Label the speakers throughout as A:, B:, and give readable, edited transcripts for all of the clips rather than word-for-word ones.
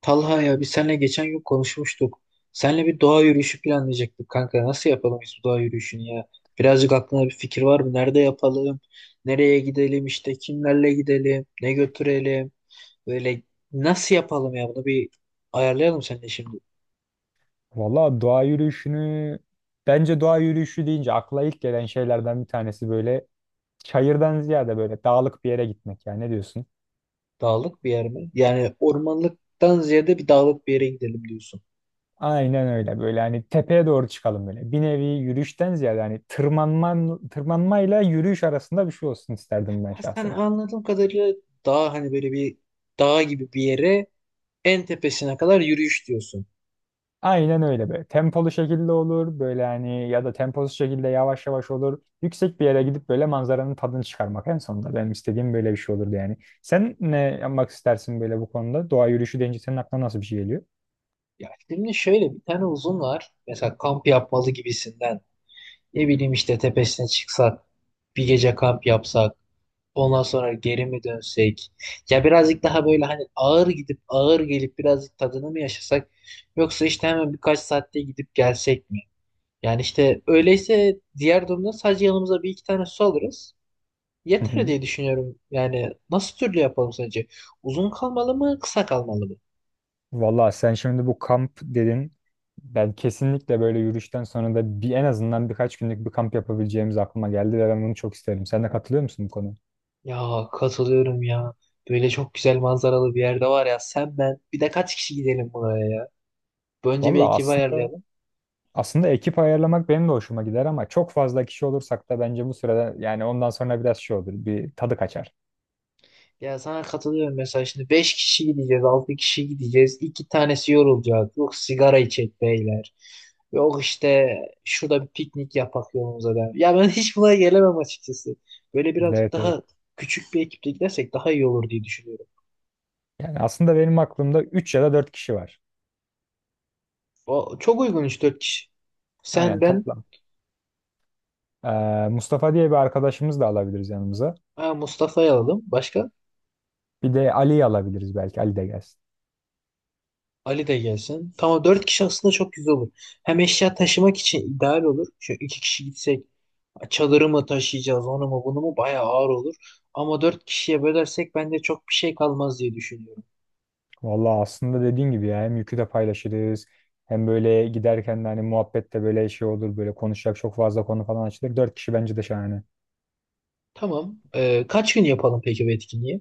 A: Talha ya biz seninle geçen gün konuşmuştuk. Seninle bir doğa yürüyüşü planlayacaktık kanka. Nasıl yapalım biz bu doğa yürüyüşünü ya? Birazcık aklına bir fikir var mı? Nerede yapalım? Nereye gidelim işte? Kimlerle gidelim? Ne götürelim? Böyle nasıl yapalım ya? Bunu bir ayarlayalım seninle şimdi.
B: Valla doğa yürüyüşünü bence doğa yürüyüşü deyince akla ilk gelen şeylerden bir tanesi böyle çayırdan ziyade böyle dağlık bir yere gitmek. Yani ne diyorsun?
A: Dağlık bir yer mi? Yani ormanlıktan ziyade bir dağlık bir yere gidelim diyorsun.
B: Aynen öyle böyle, hani tepeye doğru çıkalım böyle. Bir nevi yürüyüşten ziyade hani tırmanma, tırmanmayla yürüyüş arasında bir şey olsun isterdim ben
A: Ha, sen
B: şahsen.
A: anladığım kadarıyla dağ hani böyle bir dağ gibi bir yere en tepesine kadar yürüyüş diyorsun.
B: Aynen öyle böyle. Tempolu şekilde olur böyle, hani ya da temposuz şekilde yavaş yavaş olur. Yüksek bir yere gidip böyle manzaranın tadını çıkarmak en sonunda. Benim istediğim böyle bir şey olurdu yani. Sen ne yapmak istersin böyle bu konuda? Doğa yürüyüşü deyince senin aklına nasıl bir şey geliyor?
A: Ya şimdi şöyle bir tane uzun var. Mesela kamp yapmalı gibisinden. Ne bileyim işte tepesine çıksak, bir gece kamp yapsak, ondan sonra geri mi dönsek? Ya birazcık daha böyle hani ağır gidip ağır gelip birazcık tadını mı yaşasak? Yoksa işte hemen birkaç saatte gidip gelsek mi? Yani işte öyleyse diğer durumda sadece yanımıza bir iki tane su alırız.
B: Hı
A: Yeter
B: hı.
A: diye düşünüyorum. Yani nasıl türlü yapalım sence? Uzun kalmalı mı, kısa kalmalı mı?
B: Valla sen şimdi bu kamp dedin. Ben kesinlikle böyle yürüyüşten sonra da bir, en azından birkaç günlük bir kamp yapabileceğimiz aklıma geldi ve ben bunu çok isterim. Sen de katılıyor musun bu konuya?
A: Ya katılıyorum ya. Böyle çok güzel manzaralı bir yerde var ya. Sen ben bir de kaç kişi gidelim buraya ya? Önce bir
B: Valla
A: ekibi
B: aslında
A: ayarlayalım.
B: aslında ekip ayarlamak benim de hoşuma gider, ama çok fazla kişi olursak da bence bu sırada yani ondan sonra biraz şey olur. Bir tadı kaçar.
A: Ya sana katılıyorum, mesela şimdi 5 kişi gideceğiz, 6 kişi gideceğiz. İki tanesi yorulacak. Yok, sigara içecek beyler. Yok işte şurada bir piknik yapak yolumuza der. Ya ben hiç buna gelemem açıkçası. Böyle birazcık
B: Evet, evet.
A: daha küçük bir ekiple gidersek daha iyi olur diye düşünüyorum.
B: Yani aslında benim aklımda 3 ya da 4 kişi var.
A: O çok uygun, 3 dört kişi. Sen,
B: Aynen
A: ben.
B: toplam. Mustafa diye bir arkadaşımız da alabiliriz yanımıza.
A: Ha, Mustafa'yı alalım. Başka?
B: Bir de Ali'yi alabiliriz belki. Ali de gelsin.
A: Ali de gelsin. Tamam, dört kişi aslında çok güzel olur. Hem eşya taşımak için ideal olur. Şu iki kişi gitsek çadırı mı taşıyacağız, onu mu, bunu mu, bayağı ağır olur. Ama dört kişiye bölersek bende çok bir şey kalmaz diye düşünüyorum.
B: Vallahi aslında dediğin gibi ya, hem yükü de paylaşırız. Hem böyle giderken de hani muhabbet de böyle şey olur. Böyle konuşacak çok fazla konu falan açılır. 4 kişi bence de şahane.
A: Tamam. Kaç gün yapalım peki bu etkinliği?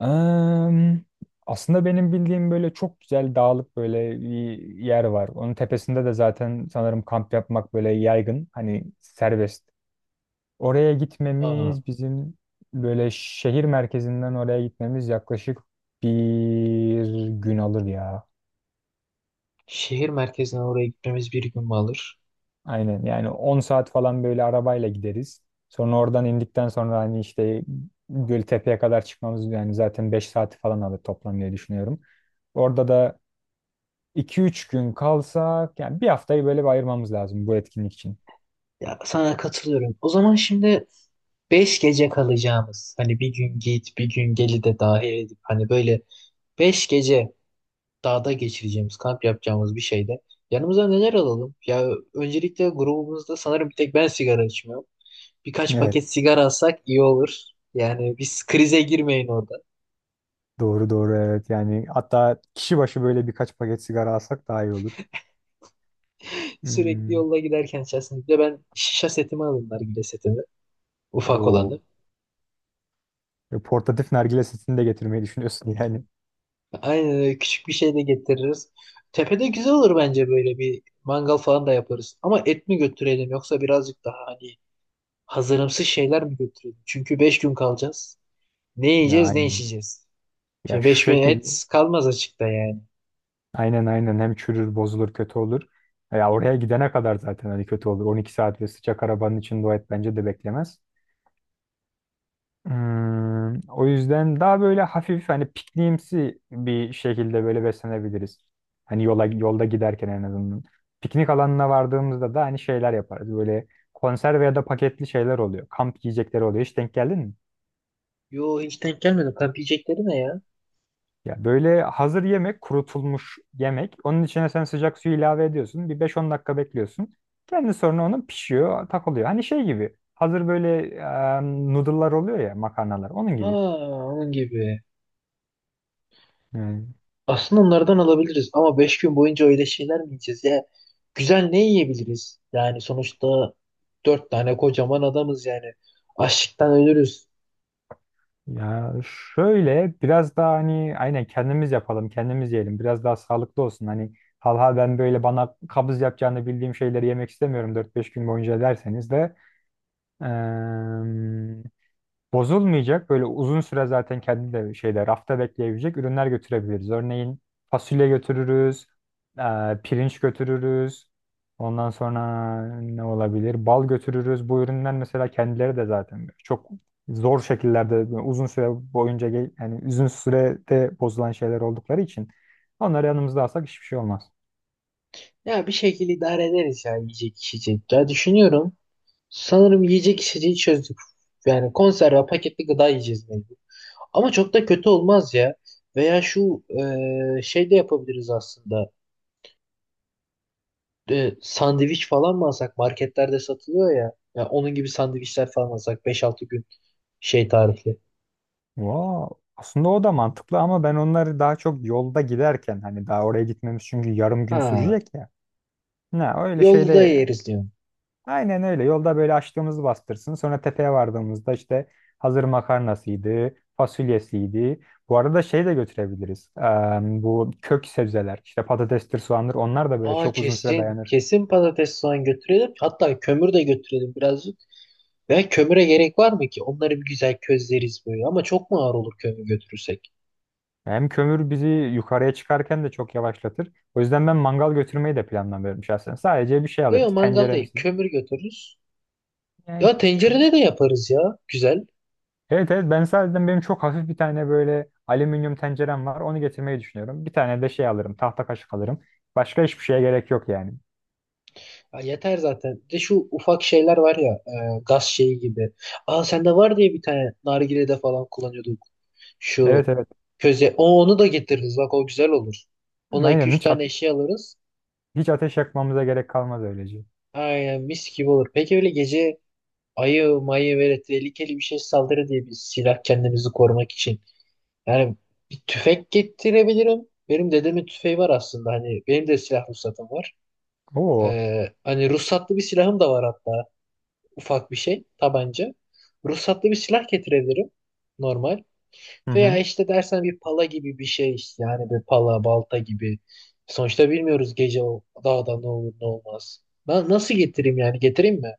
B: Em, aslında benim bildiğim böyle çok güzel dağlık böyle bir yer var. Onun tepesinde de zaten sanırım kamp yapmak böyle yaygın. Hani serbest. Oraya
A: Aa,
B: gitmemiz bizim, böyle şehir merkezinden oraya gitmemiz yaklaşık bir gün alır ya.
A: şehir merkezine oraya gitmemiz bir gün mü alır?
B: Aynen, yani 10 saat falan böyle arabayla gideriz. Sonra oradan indikten sonra hani işte Göltepe'ye kadar çıkmamız yani zaten 5 saati falan alır toplam diye düşünüyorum. Orada da 2 üç gün kalsak, yani bir haftayı böyle bir ayırmamız lazım bu etkinlik için.
A: Ya sana katılıyorum. O zaman şimdi beş gece kalacağımız, hani bir gün git bir gün geli de dahil edip hani böyle beş gece dağda geçireceğimiz, kamp yapacağımız bir şeyde yanımıza neler alalım? Ya öncelikle grubumuzda sanırım bir tek ben sigara içmiyorum. Birkaç
B: Evet,
A: paket sigara alsak iyi olur. Yani biz krize girmeyin orada.
B: doğru doğru, evet, yani hatta kişi başı böyle birkaç paket sigara alsak daha iyi olur.
A: Sürekli
B: Hmm.
A: yolda giderken içerisinde bir de ben şişe setimi alırım, nargile setimi. Ufak
B: Doğru.
A: olanı.
B: Portatif nargile setini de getirmeyi düşünüyorsun yani.
A: Aynen öyle, küçük bir şey de getiririz. Tepede güzel olur bence, böyle bir mangal falan da yaparız. Ama et mi götürelim, yoksa birazcık daha hani hazırımsız şeyler mi götürelim? Çünkü 5 gün kalacağız. Ne
B: Ya
A: yiyeceğiz, ne
B: aynen.
A: içeceğiz?
B: Ya
A: Ya
B: şu
A: 5000
B: şekilde.
A: et kalmaz açıkta yani.
B: Aynen aynen, hem çürür bozulur kötü olur. Ya oraya gidene kadar zaten hani kötü olur. 12 saat ve sıcak arabanın içinde o et bence de beklemez. Hmm, o yüzden daha böyle hafif hani pikniğimsi bir şekilde böyle beslenebiliriz. Hani yolda giderken en azından. Piknik alanına vardığımızda da hani şeyler yaparız. Böyle konserve ya da paketli şeyler oluyor. Kamp yiyecekleri oluyor. Hiç denk geldin mi?
A: Yo, hiç denk gelmedim. Kamp yiyecekleri ne ya?
B: Ya böyle hazır yemek, kurutulmuş yemek. Onun içine sen sıcak suyu ilave ediyorsun. Bir 5-10 dakika bekliyorsun. Kendi sonra onun pişiyor, takılıyor. Hani şey gibi. Hazır böyle noodle'lar oluyor ya, makarnalar. Onun gibi.
A: Aa, onun gibi. Aslında onlardan alabiliriz ama 5 gün boyunca öyle şeyler mi yiyeceğiz ya? Güzel ne yiyebiliriz? Yani sonuçta 4 tane kocaman adamız yani. Açlıktan ölürüz.
B: Ya şöyle biraz daha hani aynen kendimiz yapalım, kendimiz yiyelim. Biraz daha sağlıklı olsun. Hani halha ben böyle bana kabız yapacağını bildiğim şeyleri yemek istemiyorum 4 5 gün boyunca derseniz de bozulmayacak böyle uzun süre zaten kendi de şeyde rafta bekleyebilecek ürünler götürebiliriz. Örneğin fasulye götürürüz, e, pirinç götürürüz. Ondan sonra ne olabilir? Bal götürürüz. Bu ürünler mesela kendileri de zaten çok zor şekillerde uzun süre boyunca yani uzun sürede bozulan şeyler oldukları için onları yanımızda alsak hiçbir şey olmaz.
A: Ya bir şekilde idare ederiz ya, yiyecek içecek. Ya düşünüyorum. Sanırım yiyecek içeceği çözdük. Yani konserve paketli gıda yiyeceğiz mecbur. Ama çok da kötü olmaz ya. Veya şu şey de yapabiliriz aslında. Sandviç falan mı alsak? Marketlerde satılıyor ya. Ya onun gibi sandviçler falan alsak, beş altı gün şey tarihli.
B: Vaa, aslında o da mantıklı, ama ben onları daha çok yolda giderken hani daha oraya gitmemiz çünkü yarım gün
A: Ha,
B: sürecek ya. Ne öyle
A: yolda
B: şeyde,
A: yeriz diyorum.
B: aynen öyle yolda böyle açtığımızı bastırsın. Sonra tepeye vardığımızda işte hazır makarnasıydı, fasulyesiydi. Bu arada şey de götürebiliriz. Bu kök sebzeler işte patatestir, soğandır, onlar da böyle
A: Aa,
B: çok uzun süre
A: kesin.
B: dayanır.
A: Kesin patates soğan götürelim. Hatta kömür de götürelim birazcık. Ve kömüre gerek var mı ki? Onları bir güzel közleriz böyle. Ama çok mu ağır olur kömür götürürsek?
B: Hem kömür bizi yukarıya çıkarken de çok yavaşlatır. O yüzden ben mangal götürmeyi de planlamıyorum şahsen. Sadece bir şey
A: Yok,
B: alırız.
A: mangal değil.
B: Tenceremsi.
A: Kömür götürürüz.
B: Yani
A: Ya tencerede de yaparız ya. Güzel.
B: evet, evet, ben sadece benim çok hafif bir tane böyle alüminyum tencerem var. Onu getirmeyi düşünüyorum. Bir tane de şey alırım. Tahta kaşık alırım. Başka hiçbir şeye gerek yok yani.
A: Ya yeter zaten. Bir de şu ufak şeyler var ya, gaz şeyi gibi. Aa, sende var diye, bir tane nargilede falan kullanıyorduk.
B: Evet,
A: Şu
B: evet.
A: köze. Onu da getiririz. Bak, o güzel olur. Ona iki
B: Aynen
A: üç tane eşya alırız.
B: hiç ateş yakmamıza gerek kalmaz öylece.
A: Aynen, mis gibi olur. Peki öyle gece ayı mayı böyle tehlikeli bir şey saldırı diye bir silah, kendimizi korumak için. Yani bir tüfek getirebilirim. Benim dedemin tüfeği var aslında. Hani benim de silah ruhsatım var.
B: Oo.
A: Hani ruhsatlı bir silahım da var hatta. Ufak bir şey, tabanca. Ruhsatlı bir silah getirebilirim normal.
B: Hı
A: Veya
B: hı.
A: işte dersen bir pala gibi bir şey işte, yani bir pala balta gibi. Sonuçta bilmiyoruz gece o dağda ne olur ne olmaz. Ben nasıl getireyim, yani getireyim mi?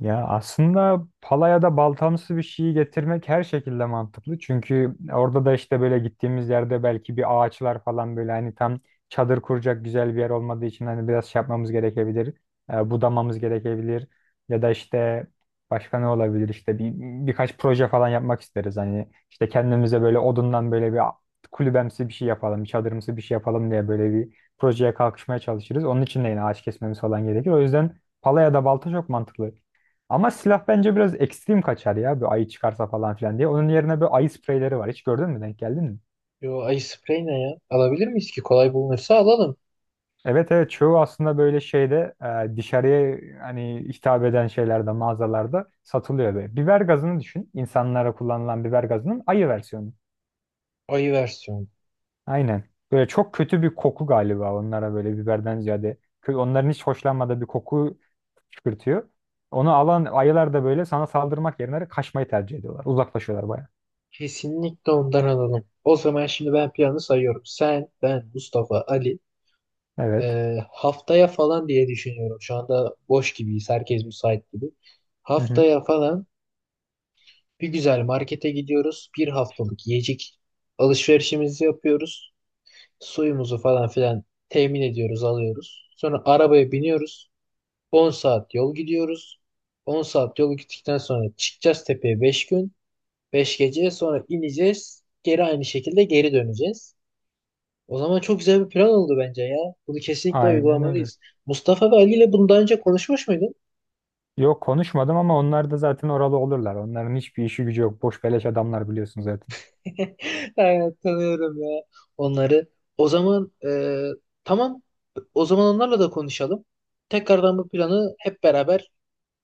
B: Ya aslında palaya da baltamsı bir şeyi getirmek her şekilde mantıklı. Çünkü orada da işte böyle gittiğimiz yerde belki bir ağaçlar falan böyle hani tam çadır kuracak güzel bir yer olmadığı için hani biraz şey yapmamız gerekebilir. Budamamız gerekebilir. Ya da işte başka ne olabilir işte birkaç proje falan yapmak isteriz. Hani işte kendimize böyle odundan böyle kulübemsi bir şey yapalım, bir çadırımsı bir şey yapalım diye böyle bir projeye kalkışmaya çalışırız. Onun için de yine ağaç kesmemiz falan gerekir. O yüzden palaya da balta çok mantıklı. Ama silah bence biraz ekstrem kaçar ya. Bir ayı çıkarsa falan filan diye. Onun yerine böyle ayı spreyleri var. Hiç gördün mü? Denk geldin mi?
A: Yo, ayı sprey ne ya? Alabilir miyiz ki? Kolay bulunursa alalım.
B: Evet, evet, çoğu aslında böyle şeyde, dışarıya hani hitap eden şeylerde mağazalarda satılıyor böyle. Biber gazını düşün. İnsanlara kullanılan biber gazının ayı versiyonu.
A: Ayı versiyonu.
B: Aynen. Böyle çok kötü bir koku galiba onlara, böyle biberden ziyade. Onların hiç hoşlanmadığı bir koku çıkartıyor. Onu alan ayılar da böyle sana saldırmak yerine kaçmayı tercih ediyorlar. Uzaklaşıyorlar baya.
A: Kesinlikle ondan alalım. O zaman şimdi ben planı sayıyorum. Sen, ben, Mustafa, Ali,
B: Evet.
A: Haftaya falan diye düşünüyorum. Şu anda boş gibiyiz. Herkes müsait gibi.
B: Hı hı.
A: Haftaya falan bir güzel markete gidiyoruz. Bir haftalık yiyecek alışverişimizi yapıyoruz. Suyumuzu falan filan temin ediyoruz, alıyoruz. Sonra arabaya biniyoruz. 10 saat yol gidiyoruz. 10 saat yol gittikten sonra çıkacağız tepeye 5 gün. 5 gece sonra ineceğiz. Geri aynı şekilde geri döneceğiz. O zaman çok güzel bir plan oldu bence ya. Bunu kesinlikle
B: Aynen öyle.
A: uygulamalıyız. Mustafa ve Ali ile bunu daha önce konuşmuş muydun?
B: Yok, konuşmadım ama onlar da zaten oralı olurlar. Onların hiçbir işi gücü yok. Boş beleş adamlar, biliyorsun zaten.
A: Evet, tanıyorum ya onları. O zaman tamam. O zaman onlarla da konuşalım. Tekrardan bu planı hep beraber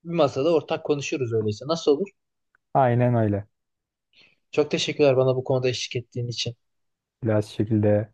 A: bir masada ortak konuşuruz öyleyse. Nasıl olur?
B: Aynen öyle.
A: Çok teşekkürler bana bu konuda eşlik ettiğin için.
B: Biraz şekilde